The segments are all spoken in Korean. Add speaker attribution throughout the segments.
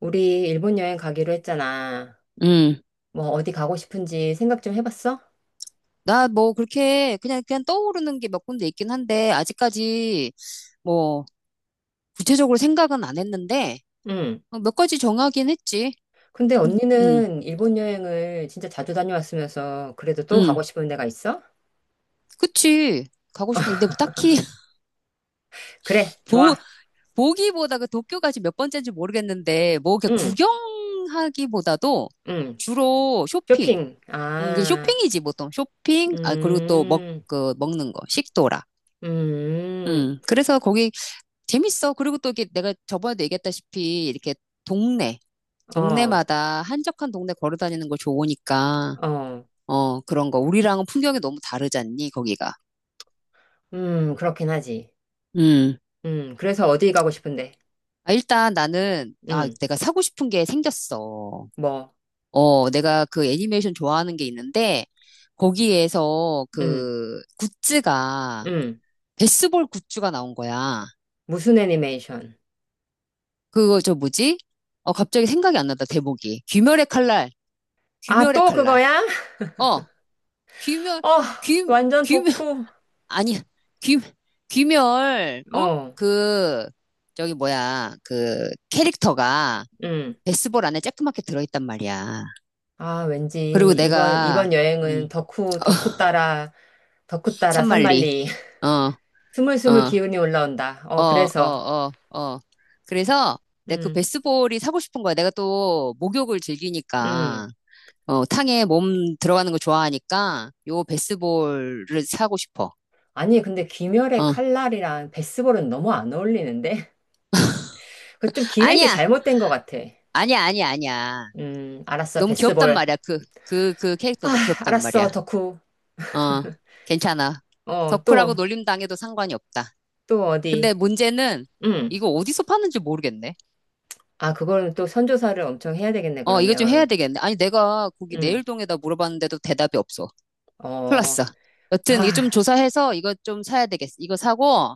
Speaker 1: 우리 일본 여행 가기로 했잖아.
Speaker 2: 음.
Speaker 1: 뭐 어디 가고 싶은지 생각 좀 해봤어?
Speaker 2: 나 뭐 그렇게 그냥 떠오르는 게 몇 군데 있긴 한데 아직까지 뭐 구체적으로 생각은 안 했는데
Speaker 1: 응.
Speaker 2: 몇 가지 정하긴 했지.
Speaker 1: 근데
Speaker 2: 응,
Speaker 1: 언니는 일본 여행을 진짜 자주 다녀왔으면서 그래도 또 가고
Speaker 2: 응.
Speaker 1: 싶은 데가 있어?
Speaker 2: 그치. 가고 싶은 근데 딱히
Speaker 1: 그래,
Speaker 2: 보
Speaker 1: 좋아.
Speaker 2: 보기보다 그 도쿄가 지몇 번째인지 모르겠는데 뭐 이렇게
Speaker 1: 응,
Speaker 2: 구경하기보다도
Speaker 1: 응.
Speaker 2: 주로 쇼핑.
Speaker 1: 쇼핑.
Speaker 2: 응, 그
Speaker 1: 아,
Speaker 2: 쇼핑이지 보통 쇼핑. 아 그리고 또 먹
Speaker 1: 음,
Speaker 2: 그 먹는 거 식도락.
Speaker 1: 음,
Speaker 2: 응. 그래서 거기 재밌어. 그리고 또 이게 내가 저번에도 얘기했다시피 이렇게 동네,
Speaker 1: 어,
Speaker 2: 동네마다 한적한 동네 걸어 다니는 거 좋으니까,
Speaker 1: 어,
Speaker 2: 그런 거. 우리랑은 풍경이 너무 다르잖니, 거기가.
Speaker 1: 그렇긴 하지.
Speaker 2: 음.
Speaker 1: 그래서 어디 가고 싶은데?
Speaker 2: 아, 일단 나는, 아,
Speaker 1: 음,
Speaker 2: 내가 사고 싶은 게 생겼어.
Speaker 1: 뭐,
Speaker 2: 내가 그 애니메이션 좋아하는 게 있는데, 거기에서
Speaker 1: 음, 음.
Speaker 2: 베스볼 굿즈가 나온 거야.
Speaker 1: 무슨 애니메이션?
Speaker 2: 그거 저 뭐지? 갑자기 생각이 안 난다, 대목이
Speaker 1: 아,
Speaker 2: 귀멸의
Speaker 1: 또
Speaker 2: 칼날.
Speaker 1: 그거야?
Speaker 2: 어. 귀멸,
Speaker 1: 어,
Speaker 2: 귀,
Speaker 1: 완전
Speaker 2: 귀멸,
Speaker 1: 덕후.
Speaker 2: 아니, 귀, 귀멸, 어?
Speaker 1: 어.
Speaker 2: 그, 저기 뭐야, 그 캐릭터가
Speaker 1: 음.
Speaker 2: 베스볼 안에 쬐끄맣게 들어있단 말이야.
Speaker 1: 아, 왠지
Speaker 2: 그리고
Speaker 1: 이번
Speaker 2: 내가,
Speaker 1: 이번
Speaker 2: 음,
Speaker 1: 여행은
Speaker 2: 어,
Speaker 1: 덕후 따라
Speaker 2: 산말리,
Speaker 1: 산만리
Speaker 2: 어, 어,
Speaker 1: 스물스물 기운이 올라온다.
Speaker 2: 어,
Speaker 1: 어,
Speaker 2: 어,
Speaker 1: 그래서.
Speaker 2: 어, 어. 그래서 내 그
Speaker 1: 음.
Speaker 2: 베스볼이 사고 싶은 거야. 내가 또 목욕을
Speaker 1: 음.
Speaker 2: 즐기니까, 탕에 몸 들어가는 거 좋아하니까 요 베스볼을 사고 싶어.
Speaker 1: 아니, 근데 귀멸의
Speaker 2: 어,
Speaker 1: 칼날이랑 베스볼은 너무 안 어울리는데? 그 좀 기획이
Speaker 2: 아니야,
Speaker 1: 잘못된 것 같아.
Speaker 2: 아니야, 아니야, 아니야.
Speaker 1: 알았어,
Speaker 2: 너무 귀엽단
Speaker 1: 베스볼.
Speaker 2: 말이야. 그 캐릭터 너무
Speaker 1: 하,
Speaker 2: 귀엽단 말이야.
Speaker 1: 알았어, 덕후.
Speaker 2: 어, 괜찮아.
Speaker 1: 어,
Speaker 2: 덕후라고
Speaker 1: 또,
Speaker 2: 놀림 당해도 상관이 없다.
Speaker 1: 또
Speaker 2: 근데
Speaker 1: 어디.
Speaker 2: 문제는
Speaker 1: 음.
Speaker 2: 이거 어디서 파는지 모르겠네.
Speaker 1: 아, 그거는 또 선조사를 엄청 해야 되겠네,
Speaker 2: 이거 좀 해야
Speaker 1: 그러면.
Speaker 2: 되겠네. 아니, 내가 거기
Speaker 1: 음.
Speaker 2: 내일동에다 물어봤는데도 대답이 없어.
Speaker 1: 어,
Speaker 2: 플러스. 여튼
Speaker 1: 아.
Speaker 2: 이거 좀 조사해서 이거 좀 사야 되겠어. 이거 사고,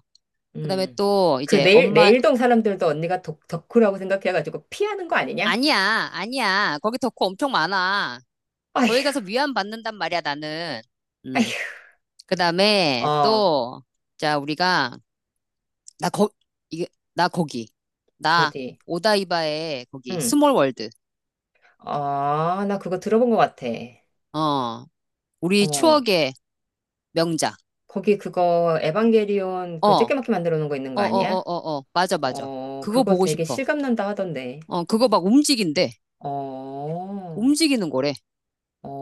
Speaker 2: 그다음에
Speaker 1: 음.
Speaker 2: 또
Speaker 1: 그
Speaker 2: 이제 엄마,
Speaker 1: 내일동 사람들도 언니가 덕후라고 생각해가지고 피하는 거 아니냐?
Speaker 2: 아니야, 아니야. 거기 덕후 엄청 많아. 거기
Speaker 1: 아휴,
Speaker 2: 가서 위안 받는단 말이야, 나는. 음.
Speaker 1: 아휴.
Speaker 2: 그다음에
Speaker 1: 어,
Speaker 2: 또, 자, 우리가 나 이게, 나 거기. 나
Speaker 1: 어디?
Speaker 2: 오다이바의 거기,
Speaker 1: 응.
Speaker 2: 스몰 월드.
Speaker 1: 아, 나 그거 들어본 것 같아.
Speaker 2: 어, 우리
Speaker 1: 어,
Speaker 2: 추억의 명작.
Speaker 1: 거기 그거 에반게리온
Speaker 2: 어,
Speaker 1: 그
Speaker 2: 어,
Speaker 1: 쬐끄맣게 만들어 놓은 거 있는 거 아니야?
Speaker 2: 맞아, 맞아.
Speaker 1: 어,
Speaker 2: 그거
Speaker 1: 그거
Speaker 2: 보고
Speaker 1: 되게
Speaker 2: 싶어.
Speaker 1: 실감 난다 하던데.
Speaker 2: 그거 막 움직인대.
Speaker 1: 어,
Speaker 2: 움직이는 거래.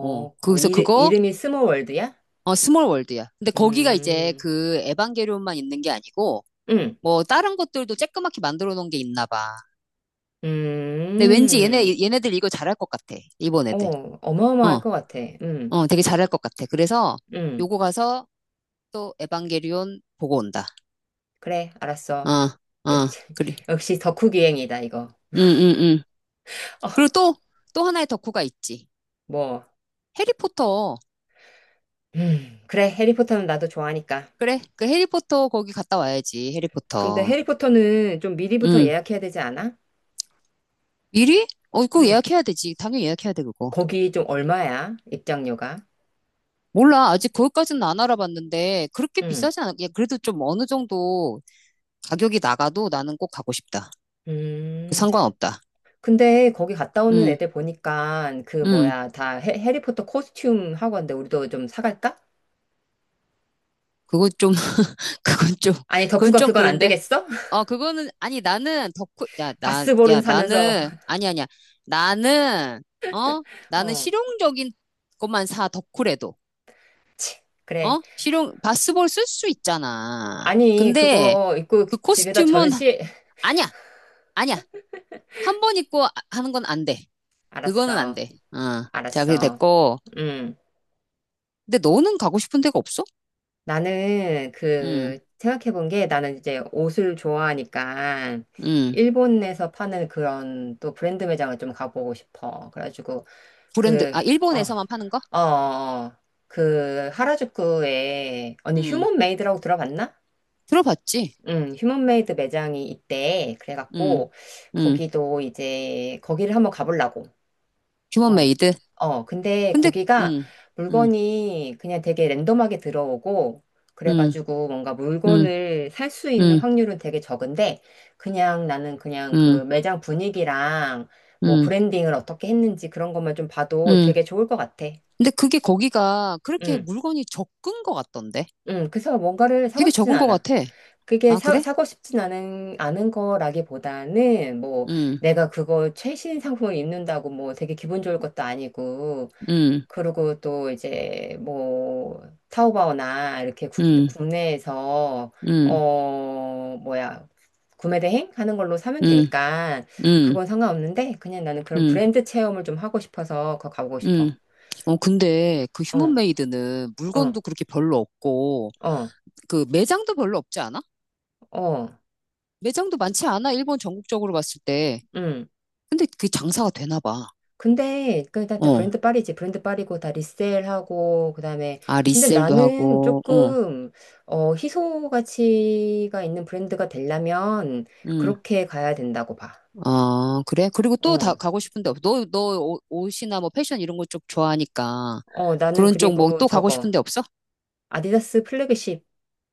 Speaker 1: 어,
Speaker 2: 거기서 그거,
Speaker 1: 이름이 스모월드야?
Speaker 2: 스몰 월드야. 근데 거기가 이제
Speaker 1: 음,
Speaker 2: 그 에반게리온만 있는 게 아니고,
Speaker 1: 음,
Speaker 2: 뭐, 다른 것들도 쬐끄맣게 만들어 놓은 게 있나 봐. 근데 왠지
Speaker 1: 음,
Speaker 2: 얘네들 이거 잘할 것 같아. 일본
Speaker 1: 어,
Speaker 2: 애들.
Speaker 1: 어마어마할
Speaker 2: 어,
Speaker 1: 것 같아.
Speaker 2: 되게 잘할 것 같아. 그래서
Speaker 1: 음.
Speaker 2: 요거 가서 또 에반게리온 보고 온다.
Speaker 1: 그래, 알았어.
Speaker 2: 아, 아,
Speaker 1: 역시,
Speaker 2: 그래.
Speaker 1: 역시 덕후 기행이다, 이거.
Speaker 2: 응, 응, 응. 그리고
Speaker 1: 어,
Speaker 2: 또, 하나의 덕후가 있지.
Speaker 1: 뭐,
Speaker 2: 해리포터.
Speaker 1: 그래, 해리포터는 나도 좋아하니까.
Speaker 2: 그래, 그 해리포터 거기 갔다 와야지,
Speaker 1: 근데
Speaker 2: 해리포터.
Speaker 1: 해리포터는 좀 미리부터
Speaker 2: 응.
Speaker 1: 예약해야 되지 않아?
Speaker 2: 미리? 그거
Speaker 1: 응.
Speaker 2: 예약해야 되지. 당연히 예약해야 돼, 그거.
Speaker 1: 거기 좀 얼마야? 입장료가?
Speaker 2: 몰라. 아직 거기까지는 안 알아봤는데, 그렇게
Speaker 1: 응.
Speaker 2: 비싸진 않아. 야, 그래도 좀 어느 정도 가격이 나가도 나는 꼭 가고 싶다. 그
Speaker 1: 음,
Speaker 2: 상관없다.
Speaker 1: 근데 거기 갔다 오는
Speaker 2: 응,
Speaker 1: 애들 보니까 그
Speaker 2: 응.
Speaker 1: 뭐야, 다 해, 해리포터 코스튬 하고 왔는데 우리도 좀 사갈까?
Speaker 2: 그건 좀, 그건 좀,
Speaker 1: 아니,
Speaker 2: 그건
Speaker 1: 덕후가
Speaker 2: 좀
Speaker 1: 그건 안
Speaker 2: 그런데.
Speaker 1: 되겠어?
Speaker 2: 그거는, 아니, 나는 덕후, 야, 나, 야,
Speaker 1: 바스볼은 사면서,
Speaker 2: 나는, 아니, 아니야. 나는, 어? 나는
Speaker 1: 어,
Speaker 2: 실용적인 것만 사, 덕후래도.
Speaker 1: 치, 그래.
Speaker 2: 어? 실용, 바스볼 쓸 수 있잖아.
Speaker 1: 아니,
Speaker 2: 근데
Speaker 1: 그거 입고
Speaker 2: 그
Speaker 1: 집에다
Speaker 2: 코스튬은,
Speaker 1: 전시.
Speaker 2: 아니야, 아니야. 한 번 입고 하는 건 안 돼. 그거는 안
Speaker 1: 알았어,
Speaker 2: 돼. 자, 그게
Speaker 1: 알았어.
Speaker 2: 됐고.
Speaker 1: 응.
Speaker 2: 근데 너는 가고 싶은 데가 없어?
Speaker 1: 나는
Speaker 2: 응,
Speaker 1: 그 생각해 본 게, 나는 이제 옷을 좋아하니까
Speaker 2: 응.
Speaker 1: 일본에서 파는 그런 또 브랜드 매장을 좀 가보고 싶어. 그래가지고
Speaker 2: 브랜드,
Speaker 1: 그,
Speaker 2: 아,
Speaker 1: 어,
Speaker 2: 일본에서만 파는 거?
Speaker 1: 어, 어, 어. 그 하라주쿠에 언니
Speaker 2: 응.
Speaker 1: 휴먼 메이드라고 들어봤나?
Speaker 2: 들어봤지?
Speaker 1: 응, 휴먼 메이드 매장이 있대.
Speaker 2: 응,
Speaker 1: 그래갖고
Speaker 2: 응.
Speaker 1: 거기도 이제 거기를 한번 가보려고. 어,
Speaker 2: 휴먼메이드.
Speaker 1: 어, 근데
Speaker 2: 근데,
Speaker 1: 거기가
Speaker 2: 응, 응.
Speaker 1: 물건이 그냥 되게 랜덤하게 들어오고,
Speaker 2: 음,
Speaker 1: 그래가지고 뭔가
Speaker 2: 음,
Speaker 1: 물건을 살 수 있는
Speaker 2: 음,
Speaker 1: 확률은 되게 적은데, 그냥 나는 그냥
Speaker 2: 음,
Speaker 1: 그 매장 분위기랑 뭐
Speaker 2: 음,
Speaker 1: 브랜딩을 어떻게 했는지 그런 것만 좀 봐도
Speaker 2: 음.
Speaker 1: 되게 좋을 것 같아.
Speaker 2: 근데 그게 거기가 그렇게
Speaker 1: 응,
Speaker 2: 물건이 적은 것 같던데?
Speaker 1: 응. 그래서 뭔가를 사고
Speaker 2: 되게
Speaker 1: 싶진
Speaker 2: 적은 것
Speaker 1: 않아.
Speaker 2: 같아.
Speaker 1: 그게
Speaker 2: 아, 그래?
Speaker 1: 사고 싶진 않은 거라기보다는 뭐
Speaker 2: 음,
Speaker 1: 내가 그거 최신 상품을 입는다고 뭐 되게 기분 좋을 것도 아니고,
Speaker 2: 음,
Speaker 1: 그리고 또 이제 뭐 타오바오나 이렇게
Speaker 2: 음,
Speaker 1: 국내에서,
Speaker 2: 음,
Speaker 1: 어, 뭐야, 구매 대행 하는 걸로 사면
Speaker 2: 음,
Speaker 1: 되니까
Speaker 2: 음,
Speaker 1: 그건 상관없는데, 그냥 나는 그런
Speaker 2: 음,
Speaker 1: 브랜드 체험을 좀 하고 싶어서 그거 가보고 싶어.
Speaker 2: 음. 근데 그
Speaker 1: 어,
Speaker 2: 휴먼메이드는
Speaker 1: 어,
Speaker 2: 물건도 그렇게 별로 없고,
Speaker 1: 어,
Speaker 2: 그 매장도 별로 없지 않아?
Speaker 1: 어,
Speaker 2: 매장도 많지 않아? 일본 전국적으로 봤을 때.
Speaker 1: 음.
Speaker 2: 근데 그 장사가 되나 봐.
Speaker 1: 근데 그다 다
Speaker 2: 어.
Speaker 1: 브랜드 빨이지, 브랜드 빨이고 다 리셀하고 그다음에,
Speaker 2: 아,
Speaker 1: 근데
Speaker 2: 리셀도
Speaker 1: 나는
Speaker 2: 하고,
Speaker 1: 조금 어, 희소 가치가 있는 브랜드가 되려면
Speaker 2: 응.
Speaker 1: 그렇게 가야 된다고 봐.
Speaker 2: 아, 그래? 그리고 또 다
Speaker 1: 어,
Speaker 2: 가고 싶은데 없어. 너 옷이나 뭐 패션 이런 거 쪽 좋아하니까.
Speaker 1: 어, 나는
Speaker 2: 그런 쪽 뭐
Speaker 1: 그리고
Speaker 2: 또 가고
Speaker 1: 저거,
Speaker 2: 싶은데 없어?
Speaker 1: 아디다스 플래그십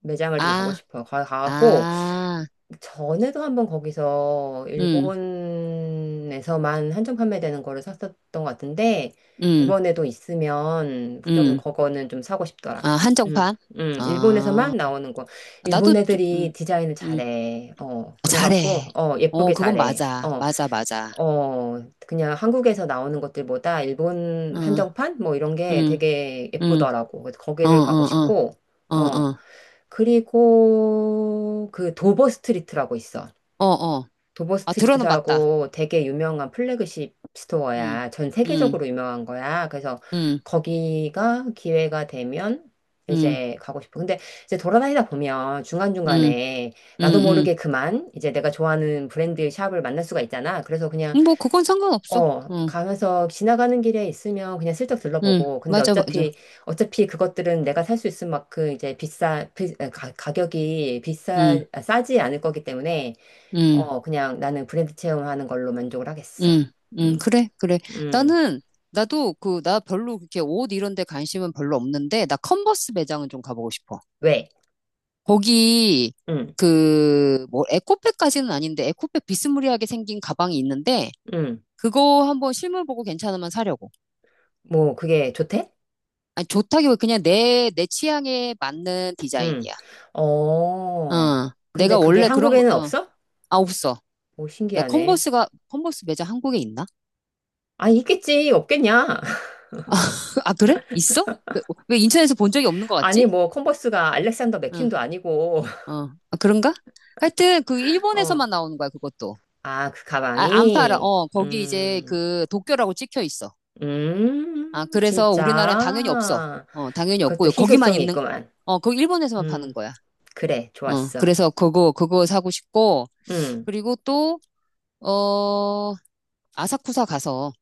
Speaker 1: 매장을 좀 가고
Speaker 2: 아,
Speaker 1: 싶어. 가고
Speaker 2: 아,
Speaker 1: 전에도 한번 거기서
Speaker 2: 음,
Speaker 1: 일본에서만 한정 판매되는 거를 샀었던 것 같은데,
Speaker 2: 음,
Speaker 1: 이번에도 있으면 좀
Speaker 2: 음.
Speaker 1: 그거는 좀 사고
Speaker 2: 아,
Speaker 1: 싶더라. 응,
Speaker 2: 한정판?
Speaker 1: 응,
Speaker 2: 아,
Speaker 1: 일본에서만 나오는 거.
Speaker 2: 나도
Speaker 1: 일본
Speaker 2: 좀,
Speaker 1: 애들이 디자인을
Speaker 2: 음.
Speaker 1: 잘해. 어,
Speaker 2: 아,
Speaker 1: 그래갖고,
Speaker 2: 잘해.
Speaker 1: 어, 예쁘게
Speaker 2: 그건
Speaker 1: 잘해.
Speaker 2: 맞아.
Speaker 1: 어.
Speaker 2: 맞아, 맞아.
Speaker 1: 어, 그냥 한국에서 나오는 것들보다 일본
Speaker 2: 응,
Speaker 1: 한정판? 뭐 이런 게
Speaker 2: 응,
Speaker 1: 되게
Speaker 2: 응.
Speaker 1: 예쁘더라고. 그래서
Speaker 2: 어, 어,
Speaker 1: 거기를 가고
Speaker 2: 어,
Speaker 1: 싶고,
Speaker 2: 어,
Speaker 1: 어,
Speaker 2: 어,
Speaker 1: 그리고 그 도버 스트리트라고 있어.
Speaker 2: 어, 어.
Speaker 1: 도버
Speaker 2: 아, 들어는 봤다.
Speaker 1: 스트리트라고 되게 유명한 플래그십
Speaker 2: 응,
Speaker 1: 스토어야. 전
Speaker 2: 응,
Speaker 1: 세계적으로 유명한 거야. 그래서
Speaker 2: 응,
Speaker 1: 거기가 기회가 되면
Speaker 2: 응,
Speaker 1: 이제 가고 싶어. 근데 이제 돌아다니다 보면
Speaker 2: 응,
Speaker 1: 중간중간에 나도
Speaker 2: 응,
Speaker 1: 모르게 그만 이제 내가 좋아하는 브랜드 샵을 만날 수가 있잖아. 그래서 그냥,
Speaker 2: 응. 뭐, 그건 상관없어.
Speaker 1: 어,
Speaker 2: 응.
Speaker 1: 가면서 지나가는 길에 있으면 그냥 슬쩍
Speaker 2: 응,
Speaker 1: 들러보고, 근데
Speaker 2: 맞아, 맞아.
Speaker 1: 어차피, 어차피 그것들은 내가 살 수 있을 만큼 이제 비싸, 비- 아, 가, 가격이
Speaker 2: 응,
Speaker 1: 싸지 않을 거기 때문에,
Speaker 2: 응,
Speaker 1: 어, 그냥 나는 브랜드 체험하는 걸로 만족을 하겠어.
Speaker 2: 응, 응,
Speaker 1: 음,
Speaker 2: 그래, 그래.
Speaker 1: 음,
Speaker 2: 나는, 나도 그, 나 별로 그렇게 옷 이런 데 관심은 별로 없는데, 나 컨버스 매장은 좀 가보고 싶어.
Speaker 1: 왜?
Speaker 2: 거기,
Speaker 1: 음,
Speaker 2: 그, 뭐, 에코백까지는 아닌데, 에코백 비스무리하게 생긴 가방이 있는데,
Speaker 1: 음,
Speaker 2: 그거 한번 실물 보고 괜찮으면 사려고.
Speaker 1: 뭐, 그게 좋대?
Speaker 2: 아니, 좋다기보다 그냥 내 취향에 맞는
Speaker 1: 음,
Speaker 2: 디자인이야.
Speaker 1: 어, 근데
Speaker 2: 내가
Speaker 1: 그게
Speaker 2: 원래 그런 거,
Speaker 1: 한국에는 없어?
Speaker 2: 아, 없어.
Speaker 1: 오,
Speaker 2: 야,
Speaker 1: 신기하네.
Speaker 2: 컨버스 매장 한국에 있나?
Speaker 1: 아, 있겠지, 없겠냐?
Speaker 2: 아, 아, 그래? 있어? 왜, 왜 인천에서 본 적이 없는 것 같지?
Speaker 1: 아니, 뭐, 컨버스가 알렉산더
Speaker 2: 응,
Speaker 1: 맥퀸도 아니고.
Speaker 2: 어. 아, 그런가? 하여튼, 그,
Speaker 1: 어.
Speaker 2: 일본에서만 나오는 거야, 그것도.
Speaker 1: 아, 그
Speaker 2: 아, 안 팔아.
Speaker 1: 가방이?
Speaker 2: 거기 이제
Speaker 1: 음,
Speaker 2: 그, 도쿄라고 찍혀 있어. 아, 그래서 우리나라엔 당연히 없어.
Speaker 1: 진짜.
Speaker 2: 당연히
Speaker 1: 그것도
Speaker 2: 없고, 거기만
Speaker 1: 희소성이
Speaker 2: 있는,
Speaker 1: 있구만.
Speaker 2: 거기 일본에서만 파는
Speaker 1: 음,
Speaker 2: 거야.
Speaker 1: 그래, 좋았어.
Speaker 2: 그래서 그거 사고 싶고,
Speaker 1: 음,
Speaker 2: 그리고 또, 어, 아사쿠사 가서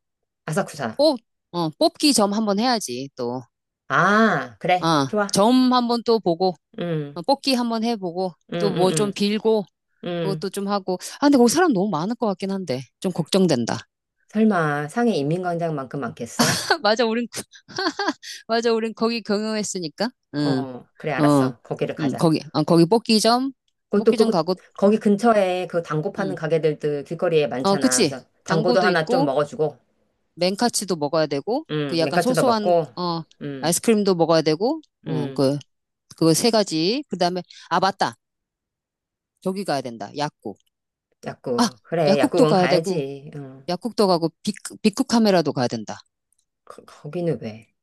Speaker 1: 아사쿠사.
Speaker 2: 뽑, 뽑기 점 한번 해야지, 또.
Speaker 1: 아, 그래,
Speaker 2: 아,
Speaker 1: 좋아.
Speaker 2: 점 한번 또 보고,
Speaker 1: 음,
Speaker 2: 뽑기 한번 해보고,
Speaker 1: 음,
Speaker 2: 또 뭐
Speaker 1: 음,
Speaker 2: 좀 빌고,
Speaker 1: 음, 음.
Speaker 2: 그것도 좀 하고. 아, 근데 거기 사람 너무 많을 것 같긴 한데. 좀 걱정된다.
Speaker 1: 설마 상해 인민광장만큼 많겠어?
Speaker 2: 맞아, 우린, 맞아, 우린 거기 경영했으니까. 응,
Speaker 1: 어, 그래,
Speaker 2: 어,
Speaker 1: 알았어. 거기를
Speaker 2: 응,
Speaker 1: 가자.
Speaker 2: 거기, 거기
Speaker 1: 그것도 그,
Speaker 2: 뽑기점
Speaker 1: 그,
Speaker 2: 가고,
Speaker 1: 거기 근처에 그 단고 파는
Speaker 2: 응,
Speaker 1: 가게들도 길거리에 많잖아.
Speaker 2: 그치.
Speaker 1: 그래서 단고도
Speaker 2: 당고도
Speaker 1: 하나 좀
Speaker 2: 있고,
Speaker 1: 먹어주고,
Speaker 2: 맨카츠도 먹어야 되고, 그 약간
Speaker 1: 맨카츠도
Speaker 2: 소소한,
Speaker 1: 먹고, 음,
Speaker 2: 아이스크림도 먹어야 되고,
Speaker 1: 음.
Speaker 2: 그 세 가지. 그 다음에, 아, 맞다. 저기 가야 된다. 약국. 아,
Speaker 1: 약국. 그래,
Speaker 2: 약국도
Speaker 1: 약국은
Speaker 2: 가야 되고,
Speaker 1: 가야지. 응.
Speaker 2: 약국도 가고, 빅쿠 카메라도 가야 된다.
Speaker 1: 거, 거기는 왜?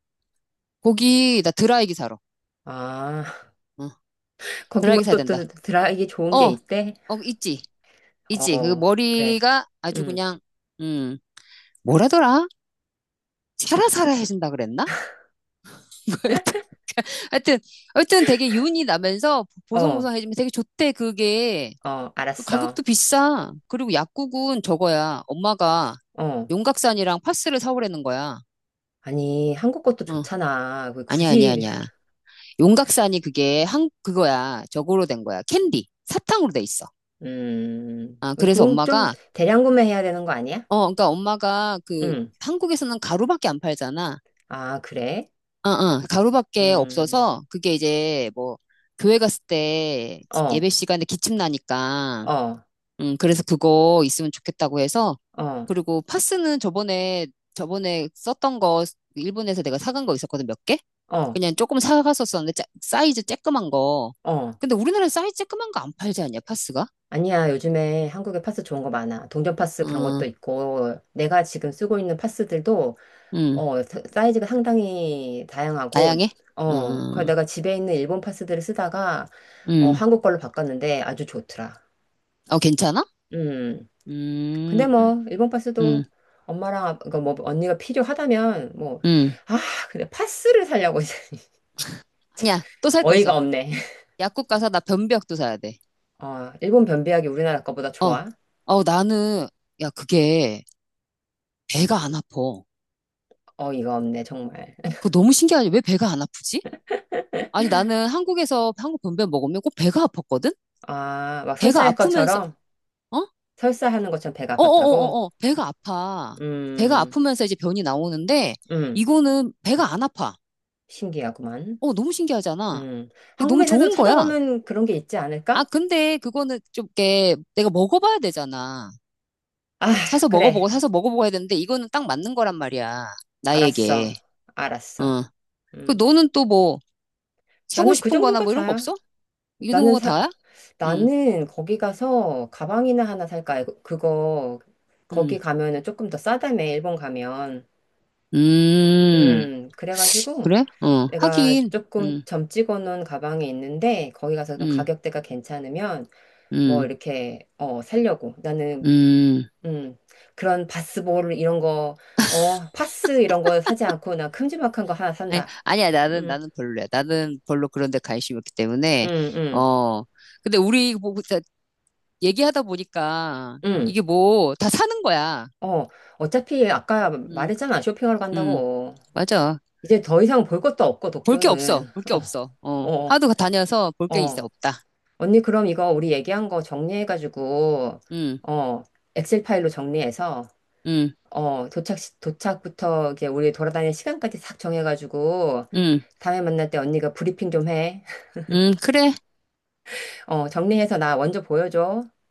Speaker 2: 거기, 나 드라이기 사러.
Speaker 1: 아,
Speaker 2: 어,
Speaker 1: 거기
Speaker 2: 드라이기
Speaker 1: 뭐
Speaker 2: 사야
Speaker 1: 또
Speaker 2: 된다.
Speaker 1: 드라 이기
Speaker 2: 어,
Speaker 1: 좋은 게 있대?
Speaker 2: 있지, 있지. 그
Speaker 1: 어, 그래.
Speaker 2: 머리가 아주
Speaker 1: 응.
Speaker 2: 그냥, 음, 뭐라더라? 사라사라 해준다 그랬나? 뭐 하여튼, 하여튼 되게 윤이 나면서
Speaker 1: 어,
Speaker 2: 보송보송해지면 되게 좋대, 그게.
Speaker 1: 어, 알았어.
Speaker 2: 가격도 비싸. 그리고 약국은 저거야. 엄마가
Speaker 1: 어.
Speaker 2: 용각산이랑 파스를 사오라는 거야.
Speaker 1: 아니, 한국 것도
Speaker 2: 어,
Speaker 1: 좋잖아. 왜
Speaker 2: 아니야, 아니야,
Speaker 1: 굳이,
Speaker 2: 아니야. 용각산이 그게 그거야. 저거로 된 거야. 캔디. 사탕으로 돼 있어. 아,
Speaker 1: 그,
Speaker 2: 그래서
Speaker 1: 그 좀 대량 구매해야 되는 거 아니야?
Speaker 2: 그러니까 엄마가 그
Speaker 1: 응.
Speaker 2: 한국에서는 가루밖에 안 팔잖아.
Speaker 1: 아, 그래?
Speaker 2: 가루밖에
Speaker 1: 음,
Speaker 2: 없어서 그게 이제 뭐 교회 갔을 때
Speaker 1: 어,
Speaker 2: 예배 시간에 기침 나니까
Speaker 1: 어,
Speaker 2: 그래서 그거 있으면 좋겠다고 해서
Speaker 1: 어,
Speaker 2: 그리고 파스는 저번에 썼던 거 일본에서 내가 사간 거 있었거든 몇 개?
Speaker 1: 어,
Speaker 2: 그냥 조금 사갔었었는데 사이즈 쬐끄만 거.
Speaker 1: 어.
Speaker 2: 근데 우리나라에 사이즈 쬐끄만 거 안 팔지 않냐 파스가?
Speaker 1: 아니야, 요즘에 한국에 파스 좋은 거 많아. 동전 파스 그런 것도
Speaker 2: 어
Speaker 1: 있고, 내가 지금 쓰고 있는 파스들도,
Speaker 2: 음
Speaker 1: 어, 사이즈가 상당히 다양하고,
Speaker 2: 다양해? 어
Speaker 1: 어, 그 내가 집에 있는 일본 파스들을 쓰다가, 어,
Speaker 2: 음,
Speaker 1: 한국 걸로 바꿨는데 아주 좋더라.
Speaker 2: 어 괜찮아?
Speaker 1: 음. 근데
Speaker 2: 음,
Speaker 1: 뭐, 일본 파스도
Speaker 2: 음,
Speaker 1: 엄마랑, 그니까 뭐, 언니가 필요하다면, 뭐,
Speaker 2: 음
Speaker 1: 아, 근데 파스를 살려고 이제
Speaker 2: 아니야 또 살 거
Speaker 1: 어이가
Speaker 2: 있어.
Speaker 1: 없네.
Speaker 2: 약국 가서 나 변비약도 사야 돼.
Speaker 1: 어, 일본 변비약이 우리나라 거보다
Speaker 2: 어.
Speaker 1: 좋아?
Speaker 2: 나는, 야, 그게 배가 안 아파.
Speaker 1: 어이가 없네, 정말.
Speaker 2: 그거 너무 신기하지? 왜 배가 안 아프지? 아니, 나는 한국에서 한국 변비약 먹으면 꼭 배가 아팠거든?
Speaker 1: 아, 막
Speaker 2: 배가
Speaker 1: 설사할
Speaker 2: 아프면서,
Speaker 1: 것처럼?
Speaker 2: 어?
Speaker 1: 설사하는 것처럼 배가 아팠다고?
Speaker 2: 어어어어어, 배가 아파. 배가
Speaker 1: 음,
Speaker 2: 아프면서 이제 변이 나오는데,
Speaker 1: 음,
Speaker 2: 이거는 배가 안 아파.
Speaker 1: 신기하구만.
Speaker 2: 너무 신기하잖아.
Speaker 1: 음,
Speaker 2: 그 너무
Speaker 1: 한국에서도
Speaker 2: 좋은 거야.
Speaker 1: 찾아보면 그런 게 있지
Speaker 2: 아,
Speaker 1: 않을까?
Speaker 2: 근데 그거는 좀, 이렇게 내가 먹어봐야 되잖아.
Speaker 1: 아,
Speaker 2: 사서 먹어보고,
Speaker 1: 그래.
Speaker 2: 사서 먹어보고 해야 되는데, 이거는 딱 맞는 거란 말이야.
Speaker 1: 알았어.
Speaker 2: 나에게.
Speaker 1: 알았어.
Speaker 2: 어. 그
Speaker 1: 음,
Speaker 2: 너는 또 뭐 사고
Speaker 1: 나는 그
Speaker 2: 싶은 거나
Speaker 1: 정도가
Speaker 2: 뭐 이런 거
Speaker 1: 다야.
Speaker 2: 없어? 이런
Speaker 1: 나는
Speaker 2: 거
Speaker 1: 사,
Speaker 2: 다야? 응,
Speaker 1: 나는 거기 가서 가방이나 하나 살까? 그거,
Speaker 2: 응,
Speaker 1: 거기 가면은 조금 더 싸다며, 일본 가면.
Speaker 2: 음,
Speaker 1: 그래가지고
Speaker 2: 그래?
Speaker 1: 내가
Speaker 2: 하긴, 응,
Speaker 1: 조금 점찍어 놓은 가방이 있는데, 거기 가서 좀
Speaker 2: 응,
Speaker 1: 가격대가 괜찮으면 뭐
Speaker 2: 응,
Speaker 1: 이렇게, 어, 살려고. 나는
Speaker 2: 응.
Speaker 1: 음, 그런 바스볼 이런 거, 어, 파스 이런 거 사지 않고 나 큼지막한 거 하나
Speaker 2: 아니,
Speaker 1: 산다.
Speaker 2: 아니야,
Speaker 1: 음,
Speaker 2: 나는 별로야. 나는 별로 그런 데 관심이 없기
Speaker 1: 음,
Speaker 2: 때문에,
Speaker 1: 음,
Speaker 2: 어. 근데 우리 뭐, 진짜 얘기하다 보니까
Speaker 1: 음,
Speaker 2: 이게 뭐, 다 사는 거야.
Speaker 1: 어, 어차피 아까
Speaker 2: 응,
Speaker 1: 말했잖아, 쇼핑하러
Speaker 2: 응,
Speaker 1: 간다고.
Speaker 2: 맞아.
Speaker 1: 이제 더 이상 볼 것도 없고
Speaker 2: 볼 게 없어.
Speaker 1: 도쿄는.
Speaker 2: 볼 게 없어.
Speaker 1: 어,
Speaker 2: 하도 다녀서 볼
Speaker 1: 어,
Speaker 2: 게 이제
Speaker 1: 어.
Speaker 2: 없다.
Speaker 1: 언니 그럼 이거 우리 얘기한 거 정리해가지고,
Speaker 2: 응,
Speaker 1: 어, 엑셀 파일로 정리해서,
Speaker 2: 응,
Speaker 1: 어, 도착, 도착부터 이제 우리 돌아다닐 시간까지 싹 정해가지고
Speaker 2: 응,
Speaker 1: 다음에 만날 때 언니가 브리핑 좀 해.
Speaker 2: 응, 그래.
Speaker 1: 어, 정리해서 나 먼저 보여줘.